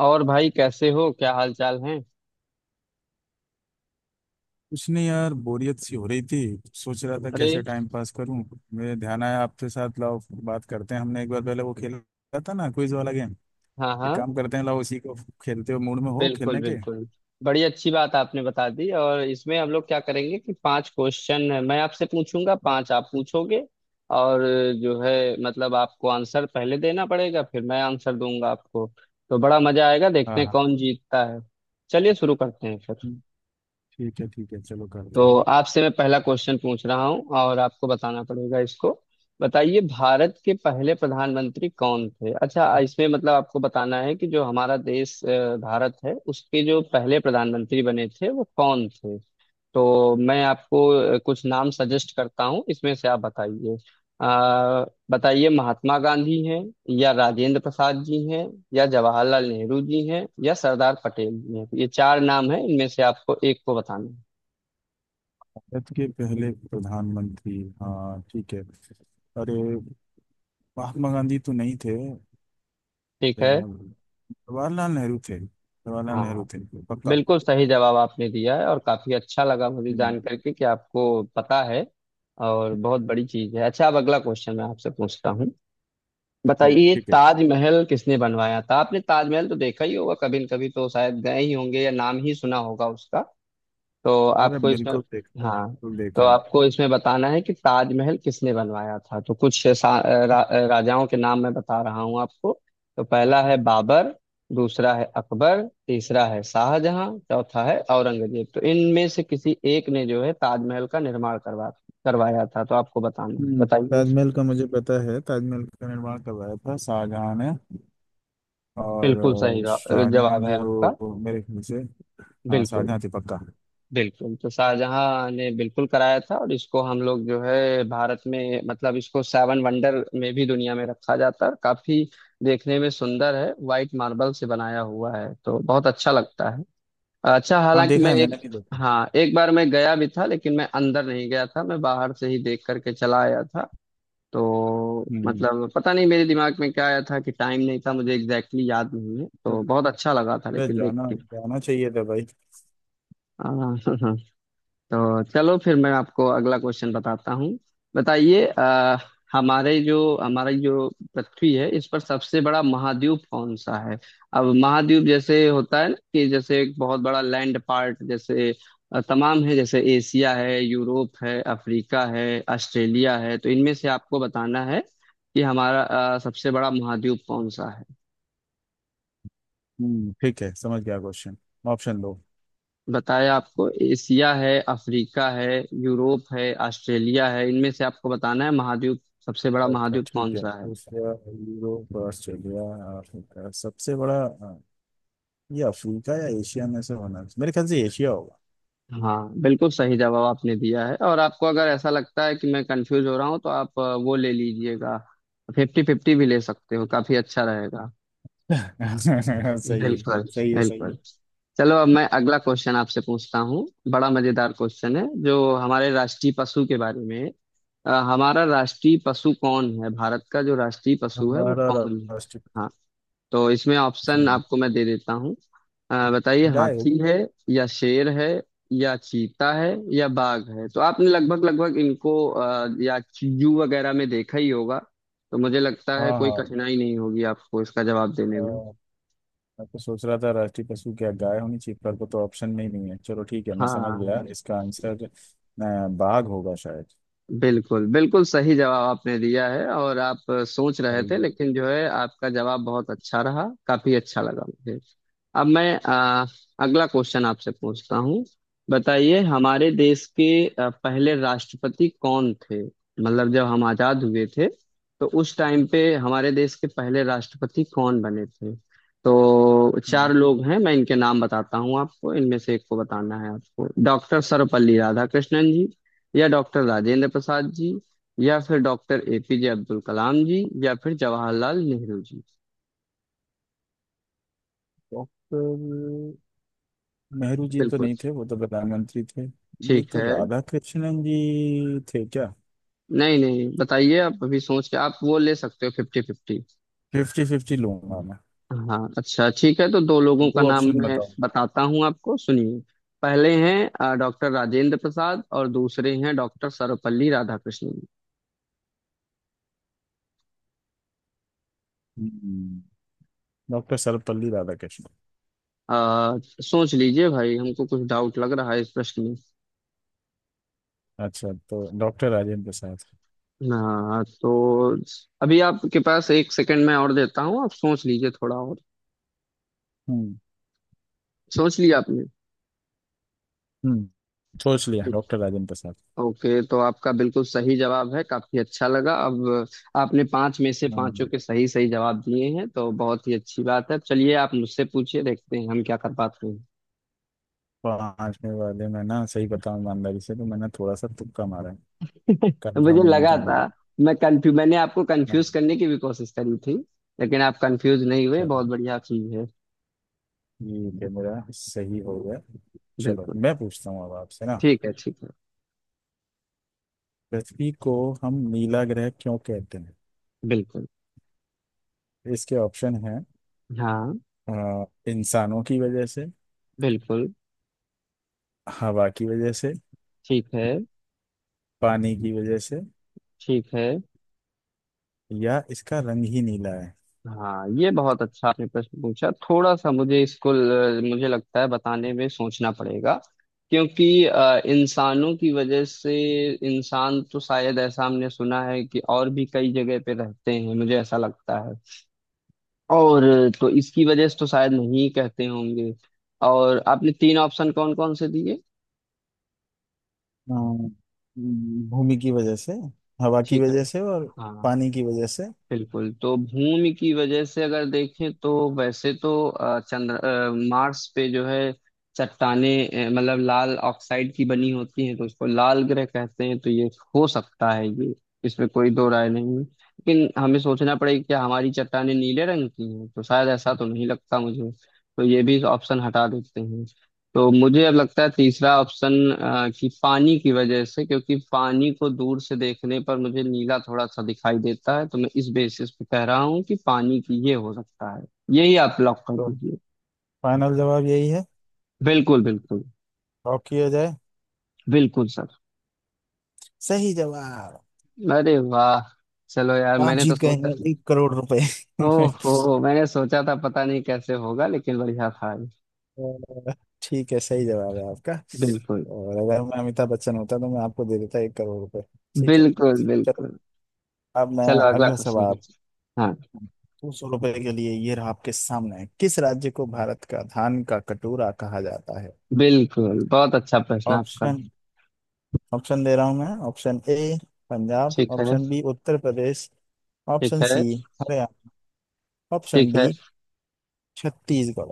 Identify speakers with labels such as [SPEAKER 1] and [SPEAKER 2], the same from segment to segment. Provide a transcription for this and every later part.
[SPEAKER 1] और भाई, कैसे हो? क्या हाल चाल है?
[SPEAKER 2] कुछ नहीं यार, बोरियत सी हो रही थी। सोच रहा था कैसे
[SPEAKER 1] अरे।
[SPEAKER 2] टाइम पास करूं। मेरे ध्यान आया आपके साथ लाओ बात करते हैं। हमने एक बार पहले वो खेला था ना, क्विज वाला गेम।
[SPEAKER 1] हाँ
[SPEAKER 2] एक
[SPEAKER 1] हाँ।
[SPEAKER 2] काम करते हैं, लाओ उसी को खेलते हो, मूड में हो
[SPEAKER 1] बिल्कुल
[SPEAKER 2] खेलने के?
[SPEAKER 1] बिल्कुल। बड़ी अच्छी बात आपने बता दी। और इसमें हम लोग क्या करेंगे कि पांच क्वेश्चन है, मैं आपसे पूछूंगा, पांच आप पूछोगे। और जो है, मतलब आपको आंसर पहले देना पड़ेगा, फिर मैं आंसर दूंगा आपको। तो बड़ा मजा आएगा, देखते
[SPEAKER 2] हाँ
[SPEAKER 1] हैं
[SPEAKER 2] हाँ,
[SPEAKER 1] कौन जीतता है। चलिए शुरू करते हैं फिर।
[SPEAKER 2] ठीक है ठीक है, चलो करते
[SPEAKER 1] तो
[SPEAKER 2] हैं।
[SPEAKER 1] आपसे मैं पहला क्वेश्चन पूछ रहा हूँ, और आपको बताना पड़ेगा इसको। बताइए, भारत के पहले प्रधानमंत्री कौन थे? अच्छा, इसमें मतलब आपको बताना है कि जो हमारा देश भारत है, उसके जो पहले प्रधानमंत्री बने थे, वो कौन थे। तो मैं आपको कुछ नाम सजेस्ट करता हूँ, इसमें से आप बताइए। अ, बताइए, महात्मा गांधी हैं, या राजेंद्र प्रसाद जी हैं, या जवाहरलाल नेहरू जी हैं, या सरदार पटेल जी हैं। ये चार नाम हैं, इनमें से आपको एक को बताना है।
[SPEAKER 2] भारत के पहले प्रधानमंत्री, हाँ ठीक है। अरे, महात्मा गांधी तो नहीं थे।
[SPEAKER 1] ठीक है।
[SPEAKER 2] जवाहर- जवाहरलाल नेहरू थे। जवाहरलाल नेहरू
[SPEAKER 1] हाँ।
[SPEAKER 2] थे। पक्का।
[SPEAKER 1] बिल्कुल सही जवाब आपने दिया है, और काफी अच्छा लगा मुझे
[SPEAKER 2] हम्म,
[SPEAKER 1] जान करके कि आपको पता है। और बहुत बड़ी चीज है। अच्छा, अब अगला क्वेश्चन मैं आपसे पूछता हूँ। बताइए,
[SPEAKER 2] ठीक है
[SPEAKER 1] ताजमहल किसने बनवाया था? आपने ताजमहल तो देखा ही होगा कभी न कभी, तो शायद गए ही होंगे या नाम ही सुना होगा उसका। तो
[SPEAKER 2] अरे
[SPEAKER 1] आपको इसमें।
[SPEAKER 2] बिल्कुल देख
[SPEAKER 1] हाँ।
[SPEAKER 2] बिल्कुल
[SPEAKER 1] तो
[SPEAKER 2] देखा है।
[SPEAKER 1] आपको इसमें बताना है कि ताजमहल किसने बनवाया था। तो कुछ रा, राजाओं के नाम मैं बता रहा हूँ आपको। तो पहला है बाबर, दूसरा है अकबर, तीसरा है शाहजहां, चौथा है औरंगजेब। तो इनमें से किसी एक ने जो है ताजमहल का निर्माण करवाया था। तो आपको बताना है,
[SPEAKER 2] हम्म,
[SPEAKER 1] बताइए।
[SPEAKER 2] ताजमहल का मुझे पता है। ताजमहल का निर्माण करवाया था शाहजहां ने। और
[SPEAKER 1] बिल्कुल सही
[SPEAKER 2] शाहजहां
[SPEAKER 1] जवाब है आपका।
[SPEAKER 2] जो मेरे ख्याल से, हाँ
[SPEAKER 1] बिल्कुल
[SPEAKER 2] शाहजहां थे पक्का।
[SPEAKER 1] बिल्कुल। तो शाहजहां ने बिल्कुल कराया था, और इसको हम लोग जो है भारत में, मतलब इसको सेवन वंडर में भी दुनिया में रखा जाता है, और काफी देखने में सुंदर है, वाइट मार्बल से बनाया हुआ है, तो बहुत अच्छा लगता है। अच्छा,
[SPEAKER 2] हाँ
[SPEAKER 1] हालांकि
[SPEAKER 2] देखा
[SPEAKER 1] मैं
[SPEAKER 2] है, मैंने
[SPEAKER 1] एक।
[SPEAKER 2] भी देखा।
[SPEAKER 1] हाँ, एक बार मैं गया भी था, लेकिन मैं अंदर नहीं गया था, मैं बाहर से ही देख करके चला आया था। तो
[SPEAKER 2] हम्म
[SPEAKER 1] मतलब पता नहीं मेरे दिमाग में क्या आया था कि टाइम नहीं था, मुझे एग्जैक्टली exactly याद नहीं है। तो बहुत अच्छा लगा था
[SPEAKER 2] अरे,
[SPEAKER 1] लेकिन देख
[SPEAKER 2] जाना
[SPEAKER 1] के।
[SPEAKER 2] जाना चाहिए था भाई।
[SPEAKER 1] हाँ। तो चलो, फिर मैं आपको अगला क्वेश्चन बताता हूँ। बताइए, हमारे जो हमारी जो पृथ्वी है, इस पर सबसे बड़ा महाद्वीप कौन सा है? अब महाद्वीप जैसे होता है ना, कि जैसे एक बहुत बड़ा लैंड पार्ट, जैसे तमाम है, जैसे एशिया है, यूरोप है, अफ्रीका है, ऑस्ट्रेलिया है। तो इनमें से आपको बताना है कि हमारा सबसे बड़ा महाद्वीप कौन सा है।
[SPEAKER 2] हम्म, ठीक है, समझ गया क्वेश्चन। ऑप्शन दो।
[SPEAKER 1] बताया आपको, एशिया है, अफ्रीका है, यूरोप है, ऑस्ट्रेलिया है, इनमें से आपको बताना है महाद्वीप, सबसे बड़ा
[SPEAKER 2] अच्छा अच्छा,
[SPEAKER 1] महाद्वीप
[SPEAKER 2] ठीक
[SPEAKER 1] कौन
[SPEAKER 2] है।
[SPEAKER 1] सा है।
[SPEAKER 2] एशिया, यूरोप, ऑस्ट्रेलिया, अफ्रीका, सबसे बड़ा ये अफ्रीका या एशिया में से होना चाहिए। मेरे ख्याल से एशिया होगा।
[SPEAKER 1] हाँ, बिल्कुल सही जवाब आपने दिया है। और आपको अगर ऐसा लगता है कि मैं कंफ्यूज हो रहा हूँ, तो आप वो ले लीजिएगा। फिफ्टी फिफ्टी भी ले सकते हो, काफी अच्छा रहेगा।
[SPEAKER 2] सही है।
[SPEAKER 1] बिल्कुल
[SPEAKER 2] सही है सही है।
[SPEAKER 1] बिल्कुल। चलो, अब मैं अगला क्वेश्चन आपसे पूछता हूँ। बड़ा मजेदार क्वेश्चन है, जो हमारे राष्ट्रीय पशु के बारे में है। हमारा राष्ट्रीय पशु कौन है? भारत का जो राष्ट्रीय पशु है, वो
[SPEAKER 2] हमारा
[SPEAKER 1] कौन है?
[SPEAKER 2] राष्ट्र,
[SPEAKER 1] हाँ। तो इसमें ऑप्शन आपको मैं दे देता हूँ। बताइए,
[SPEAKER 2] गाय
[SPEAKER 1] हाथी
[SPEAKER 2] होगी।
[SPEAKER 1] है, या शेर है, या चीता है, या बाघ है। तो आपने लगभग लगभग इनको या जू वगैरह में देखा ही होगा, तो मुझे लगता है
[SPEAKER 2] हाँ
[SPEAKER 1] कोई
[SPEAKER 2] हाँ,
[SPEAKER 1] कठिनाई नहीं होगी आपको इसका जवाब
[SPEAKER 2] अ,
[SPEAKER 1] देने में।
[SPEAKER 2] मैं तो सोच रहा था राष्ट्रीय पशु क्या गाय होनी चाहिए, पर वो तो ऑप्शन में ही नहीं है। चलो ठीक है, मैं समझ
[SPEAKER 1] हाँ।
[SPEAKER 2] गया इसका आंसर बाघ होगा शायद।
[SPEAKER 1] बिल्कुल बिल्कुल सही जवाब आपने दिया है, और आप सोच रहे थे,
[SPEAKER 2] टाइगर।
[SPEAKER 1] लेकिन जो है आपका जवाब बहुत अच्छा रहा, काफी अच्छा लगा मुझे। अब मैं अगला क्वेश्चन आपसे पूछता हूँ। बताइए, हमारे देश के पहले राष्ट्रपति कौन थे? मतलब जब हम आजाद हुए थे, तो उस टाइम पे हमारे देश के पहले राष्ट्रपति कौन बने थे। तो चार लोग हैं, मैं इनके नाम बताता हूँ आपको, इनमें से एक को बताना है आपको। डॉक्टर सर्वपल्ली राधाकृष्णन जी, या डॉक्टर राजेंद्र प्रसाद जी, या फिर डॉक्टर एपीजे अब्दुल कलाम जी, या फिर जवाहरलाल नेहरू जी।
[SPEAKER 2] डॉक्टर, नेहरू जी तो
[SPEAKER 1] बिल्कुल।
[SPEAKER 2] नहीं थे, वो तो प्रधानमंत्री थे। ये
[SPEAKER 1] ठीक
[SPEAKER 2] तो
[SPEAKER 1] है।
[SPEAKER 2] राधा कृष्णन जी थे क्या?
[SPEAKER 1] नहीं नहीं, बताइए आप। अभी सोच के, आप वो ले सकते हो, फिफ्टी फिफ्टी।
[SPEAKER 2] फिफ्टी फिफ्टी लूंगा मैं।
[SPEAKER 1] हाँ। अच्छा ठीक है, तो दो लोगों का
[SPEAKER 2] दो
[SPEAKER 1] नाम
[SPEAKER 2] ऑप्शन
[SPEAKER 1] मैं
[SPEAKER 2] बताओ।
[SPEAKER 1] बताता हूँ आपको, सुनिए। पहले हैं डॉक्टर राजेंद्र प्रसाद, और दूसरे हैं डॉक्टर सर्वपल्ली राधाकृष्णन।
[SPEAKER 2] डॉक्टर सर्वपल्ली राधाकृष्णन।
[SPEAKER 1] अ, सोच लीजिए भाई, हमको कुछ डाउट लग रहा है इस प्रश्न।
[SPEAKER 2] अच्छा, तो डॉक्टर राजेंद्र प्रसाद।
[SPEAKER 1] हाँ, तो अभी आपके पास एक सेकंड मैं और देता हूँ, आप सोच लीजिए थोड़ा और।
[SPEAKER 2] हम्म।
[SPEAKER 1] सोच लिया आपने?
[SPEAKER 2] हम्म, सोच लिया डॉक्टर राजेंद्र
[SPEAKER 1] ओके, तो आपका बिल्कुल सही जवाब है, काफी अच्छा लगा। अब आपने पांच में से
[SPEAKER 2] प्रसाद।
[SPEAKER 1] पांचों के सही सही जवाब दिए हैं, तो बहुत ही अच्छी बात है। चलिए, आप मुझसे पूछिए, देखते हैं हम क्या कर पाते हैं।
[SPEAKER 2] पांचवे वाले में ना, सही बताऊं ईमानदारी से तो मैंने थोड़ा सा तुक्का मारा है।
[SPEAKER 1] तो
[SPEAKER 2] कंफर्म
[SPEAKER 1] मुझे
[SPEAKER 2] नहीं
[SPEAKER 1] लगा
[SPEAKER 2] था
[SPEAKER 1] था,
[SPEAKER 2] मुझे।
[SPEAKER 1] मैं कंफ्यू मैंने आपको
[SPEAKER 2] ना।
[SPEAKER 1] कंफ्यूज करने की भी कोशिश करी थी, लेकिन आप कंफ्यूज नहीं हुए,
[SPEAKER 2] चलो,
[SPEAKER 1] बहुत बढ़िया चीज है।
[SPEAKER 2] ठीक है, मेरा सही हो गया। चलो
[SPEAKER 1] बिल्कुल।
[SPEAKER 2] मैं पूछता हूँ अब आपसे ना।
[SPEAKER 1] ठीक है ठीक है।
[SPEAKER 2] पृथ्वी को हम नीला ग्रह क्यों कहते हैं?
[SPEAKER 1] बिल्कुल।
[SPEAKER 2] इसके ऑप्शन हैं,
[SPEAKER 1] हाँ
[SPEAKER 2] अ, इंसानों की वजह से,
[SPEAKER 1] बिल्कुल।
[SPEAKER 2] हवा की वजह से,
[SPEAKER 1] ठीक है
[SPEAKER 2] पानी की वजह से,
[SPEAKER 1] ठीक है।
[SPEAKER 2] या इसका रंग ही नीला है।
[SPEAKER 1] हाँ, ये बहुत अच्छा आपने प्रश्न पूछा, थोड़ा सा मुझे इसको मुझे लगता है बताने में सोचना पड़ेगा। क्योंकि इंसानों की वजह से, इंसान तो शायद ऐसा हमने सुना है कि और भी कई जगह पे रहते हैं, मुझे ऐसा लगता है, और तो इसकी वजह से तो शायद नहीं कहते होंगे। और आपने तीन ऑप्शन कौन कौन से दिए?
[SPEAKER 2] अ, भूमि की वजह से, हवा की
[SPEAKER 1] ठीक है।
[SPEAKER 2] वजह से, और
[SPEAKER 1] हाँ
[SPEAKER 2] पानी की वजह से।
[SPEAKER 1] बिल्कुल। तो भूमि की वजह से अगर देखें, तो वैसे तो चंद्र मार्स पे जो है चट्टाने, मतलब लाल ऑक्साइड की बनी होती हैं, तो उसको लाल ग्रह कहते हैं। तो ये हो सकता है। ये इसमें कोई दो राय नहीं है। लेकिन हमें सोचना पड़ेगा, क्या हमारी चट्टाने नीले रंग की हैं? तो शायद ऐसा तो नहीं लगता मुझे। तो ये भी ऑप्शन हटा देते हैं। तो मुझे अब लगता है तीसरा ऑप्शन, कि पानी की वजह से। क्योंकि पानी को दूर से देखने पर मुझे नीला थोड़ा सा दिखाई देता है, तो मैं इस बेसिस पे कह रहा हूँ कि पानी की, ये हो सकता है। यही आप लॉक कर
[SPEAKER 2] तो
[SPEAKER 1] दीजिए।
[SPEAKER 2] फाइनल जवाब यही है?
[SPEAKER 1] बिल्कुल बिल्कुल।
[SPEAKER 2] लॉक किया जाए?
[SPEAKER 1] बिल्कुल सर।
[SPEAKER 2] सही जवाब।
[SPEAKER 1] अरे वाह! चलो यार,
[SPEAKER 2] आप
[SPEAKER 1] मैंने तो
[SPEAKER 2] जीत गए
[SPEAKER 1] सोचा,
[SPEAKER 2] हैं 1 करोड़ रुपए।
[SPEAKER 1] ओहो, मैंने सोचा था पता नहीं कैसे होगा, लेकिन बढ़िया था ये।
[SPEAKER 2] अ, ठीक है, सही जवाब है आपका।
[SPEAKER 1] बिल्कुल
[SPEAKER 2] और अगर मैं अमिताभ बच्चन होता तो मैं आपको दे देता 1 करोड़ रुपए। ठीक है।
[SPEAKER 1] बिल्कुल
[SPEAKER 2] चलो,
[SPEAKER 1] बिल्कुल।
[SPEAKER 2] अब मैं
[SPEAKER 1] चलो, अगला
[SPEAKER 2] अगला
[SPEAKER 1] क्वेश्चन
[SPEAKER 2] सवाल।
[SPEAKER 1] कीजिए। हाँ
[SPEAKER 2] 200 रुपए के लिए ये रहा आपके सामने, किस राज्य को भारत का धान का कटोरा कहा जाता है?
[SPEAKER 1] बिल्कुल, बहुत अच्छा प्रश्न आपका।
[SPEAKER 2] ऑप्शन ऑप्शन दे रहा हूं मैं। ऑप्शन ए पंजाब,
[SPEAKER 1] ठीक है
[SPEAKER 2] ऑप्शन बी उत्तर प्रदेश,
[SPEAKER 1] ठीक
[SPEAKER 2] ऑप्शन सी
[SPEAKER 1] है
[SPEAKER 2] हरियाणा, ऑप्शन
[SPEAKER 1] ठीक
[SPEAKER 2] डी
[SPEAKER 1] है।
[SPEAKER 2] छत्तीसगढ़।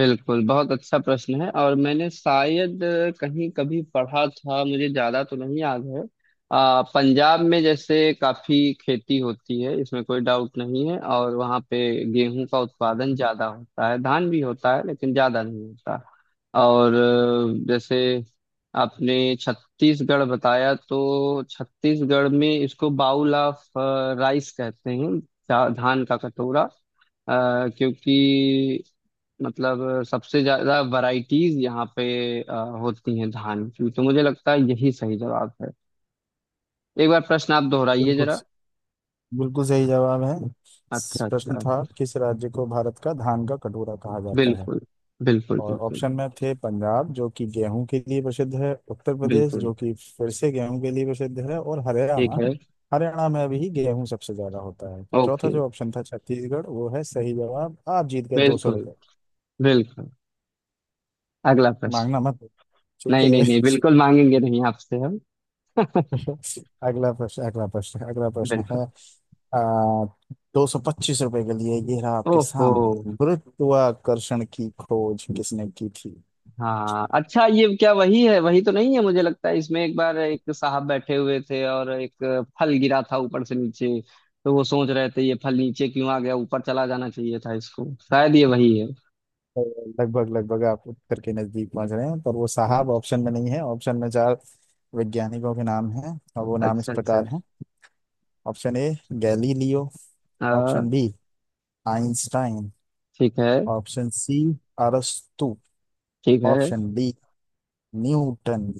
[SPEAKER 1] बिल्कुल, बहुत अच्छा प्रश्न है, और मैंने शायद कहीं कभी पढ़ा था, मुझे ज्यादा तो नहीं याद है। पंजाब में जैसे काफी खेती होती है, इसमें कोई डाउट नहीं है, और वहाँ पे गेहूं का उत्पादन ज्यादा होता है, धान भी होता है लेकिन ज्यादा नहीं होता। और जैसे आपने छत्तीसगढ़ बताया, तो छत्तीसगढ़ में इसको बाउल ऑफ राइस कहते हैं, धान का कटोरा। क्योंकि मतलब सबसे ज्यादा वैरायटीज यहाँ पे अ, होती हैं धान की, तो मुझे लगता है यही सही जवाब है। एक बार प्रश्न आप दोहराइए
[SPEAKER 2] बिल्कुल,
[SPEAKER 1] जरा।
[SPEAKER 2] बिल्कुल सही जवाब है।
[SPEAKER 1] अच्छा
[SPEAKER 2] प्रश्न
[SPEAKER 1] अच्छा।
[SPEAKER 2] था, किस राज्य को भारत का धान का कटोरा कहा जाता है?
[SPEAKER 1] बिल्कुल बिल्कुल।
[SPEAKER 2] और
[SPEAKER 1] बिल्कुल
[SPEAKER 2] ऑप्शन में थे पंजाब, जो कि गेहूं के लिए प्रसिद्ध है, उत्तर प्रदेश,
[SPEAKER 1] बिल्कुल।
[SPEAKER 2] जो कि फिर से गेहूं के लिए प्रसिद्ध है, और
[SPEAKER 1] ठीक
[SPEAKER 2] हरियाणा।
[SPEAKER 1] है।
[SPEAKER 2] हरियाणा में अभी गेहूं सबसे ज्यादा होता है। तो चौथा
[SPEAKER 1] ओके।
[SPEAKER 2] जो ऑप्शन था, छत्तीसगढ़, वो है सही जवाब। आप जीत गए दो सौ
[SPEAKER 1] बिल्कुल
[SPEAKER 2] रुपये
[SPEAKER 1] बिल्कुल। अगला
[SPEAKER 2] मांगना
[SPEAKER 1] प्रश्न।
[SPEAKER 2] मत, ठीक
[SPEAKER 1] नहीं
[SPEAKER 2] है।
[SPEAKER 1] नहीं नहीं, बिल्कुल मांगेंगे नहीं आपसे हम।
[SPEAKER 2] अगला प्रश्न, अगला प्रश्न, अगला प्रश्न
[SPEAKER 1] बिल्कुल।
[SPEAKER 2] है। 225 रुपए के लिए ये रहा आपके
[SPEAKER 1] ओहो।
[SPEAKER 2] सामने, गुरुत्वाकर्षण की खोज किसने की थी?
[SPEAKER 1] हाँ अच्छा, ये क्या वही है? वही तो नहीं है? मुझे लगता है इसमें एक बार एक साहब बैठे हुए थे, और एक फल गिरा था ऊपर से नीचे, तो वो सोच रहे थे ये फल नीचे क्यों आ गया, ऊपर चला जाना चाहिए था इसको, शायद ये वही है।
[SPEAKER 2] तो लगभग लगभग आप उत्तर के नजदीक पहुंच रहे हैं, पर वो साहब ऑप्शन में नहीं है। ऑप्शन में चार वैज्ञानिकों के नाम हैं और वो नाम इस
[SPEAKER 1] अच्छा अच्छा।
[SPEAKER 2] प्रकार हैं। ऑप्शन ए गैलीलियो, ऑप्शन
[SPEAKER 1] हाँ।
[SPEAKER 2] बी आइंस्टाइन,
[SPEAKER 1] ठीक है
[SPEAKER 2] ऑप्शन सी अरस्तु,
[SPEAKER 1] ठीक है।
[SPEAKER 2] Option D Newton.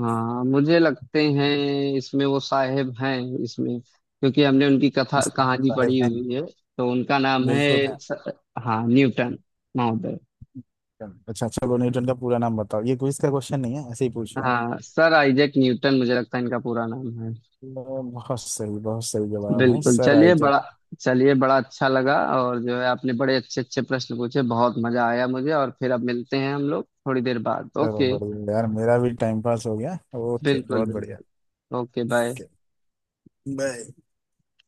[SPEAKER 1] हाँ, मुझे लगते हैं इसमें वो साहेब हैं इसमें, क्योंकि हमने उनकी कथा
[SPEAKER 2] इसमें
[SPEAKER 1] कहानी
[SPEAKER 2] साहब
[SPEAKER 1] पढ़ी
[SPEAKER 2] हैं।
[SPEAKER 1] हुई है। तो उनका नाम
[SPEAKER 2] बिल्कुल
[SPEAKER 1] है
[SPEAKER 2] है।
[SPEAKER 1] हाँ, न्यूटन महोदय।
[SPEAKER 2] अच्छा, चलो न्यूटन का पूरा नाम बताओ। ये क्विज का क्वेश्चन नहीं है, ऐसे ही पूछ रहा हूँ।
[SPEAKER 1] हाँ, सर आइजैक न्यूटन, मुझे लगता है इनका पूरा नाम है।
[SPEAKER 2] बहुत सही, बहुत सही जवाब है,
[SPEAKER 1] बिल्कुल।
[SPEAKER 2] Sir Isaac.
[SPEAKER 1] चलिए बड़ा अच्छा लगा। और जो है, आपने बड़े अच्छे अच्छे प्रश्न पूछे, बहुत मजा आया मुझे। और फिर अब मिलते हैं हम लोग थोड़ी देर बाद,
[SPEAKER 2] चलो
[SPEAKER 1] ओके।
[SPEAKER 2] बढ़िया यार, मेरा भी टाइम पास हो गया। ओके,
[SPEAKER 1] बिल्कुल
[SPEAKER 2] बहुत बढ़िया।
[SPEAKER 1] बिल्कुल। Okay, bye.
[SPEAKER 2] Okay bye.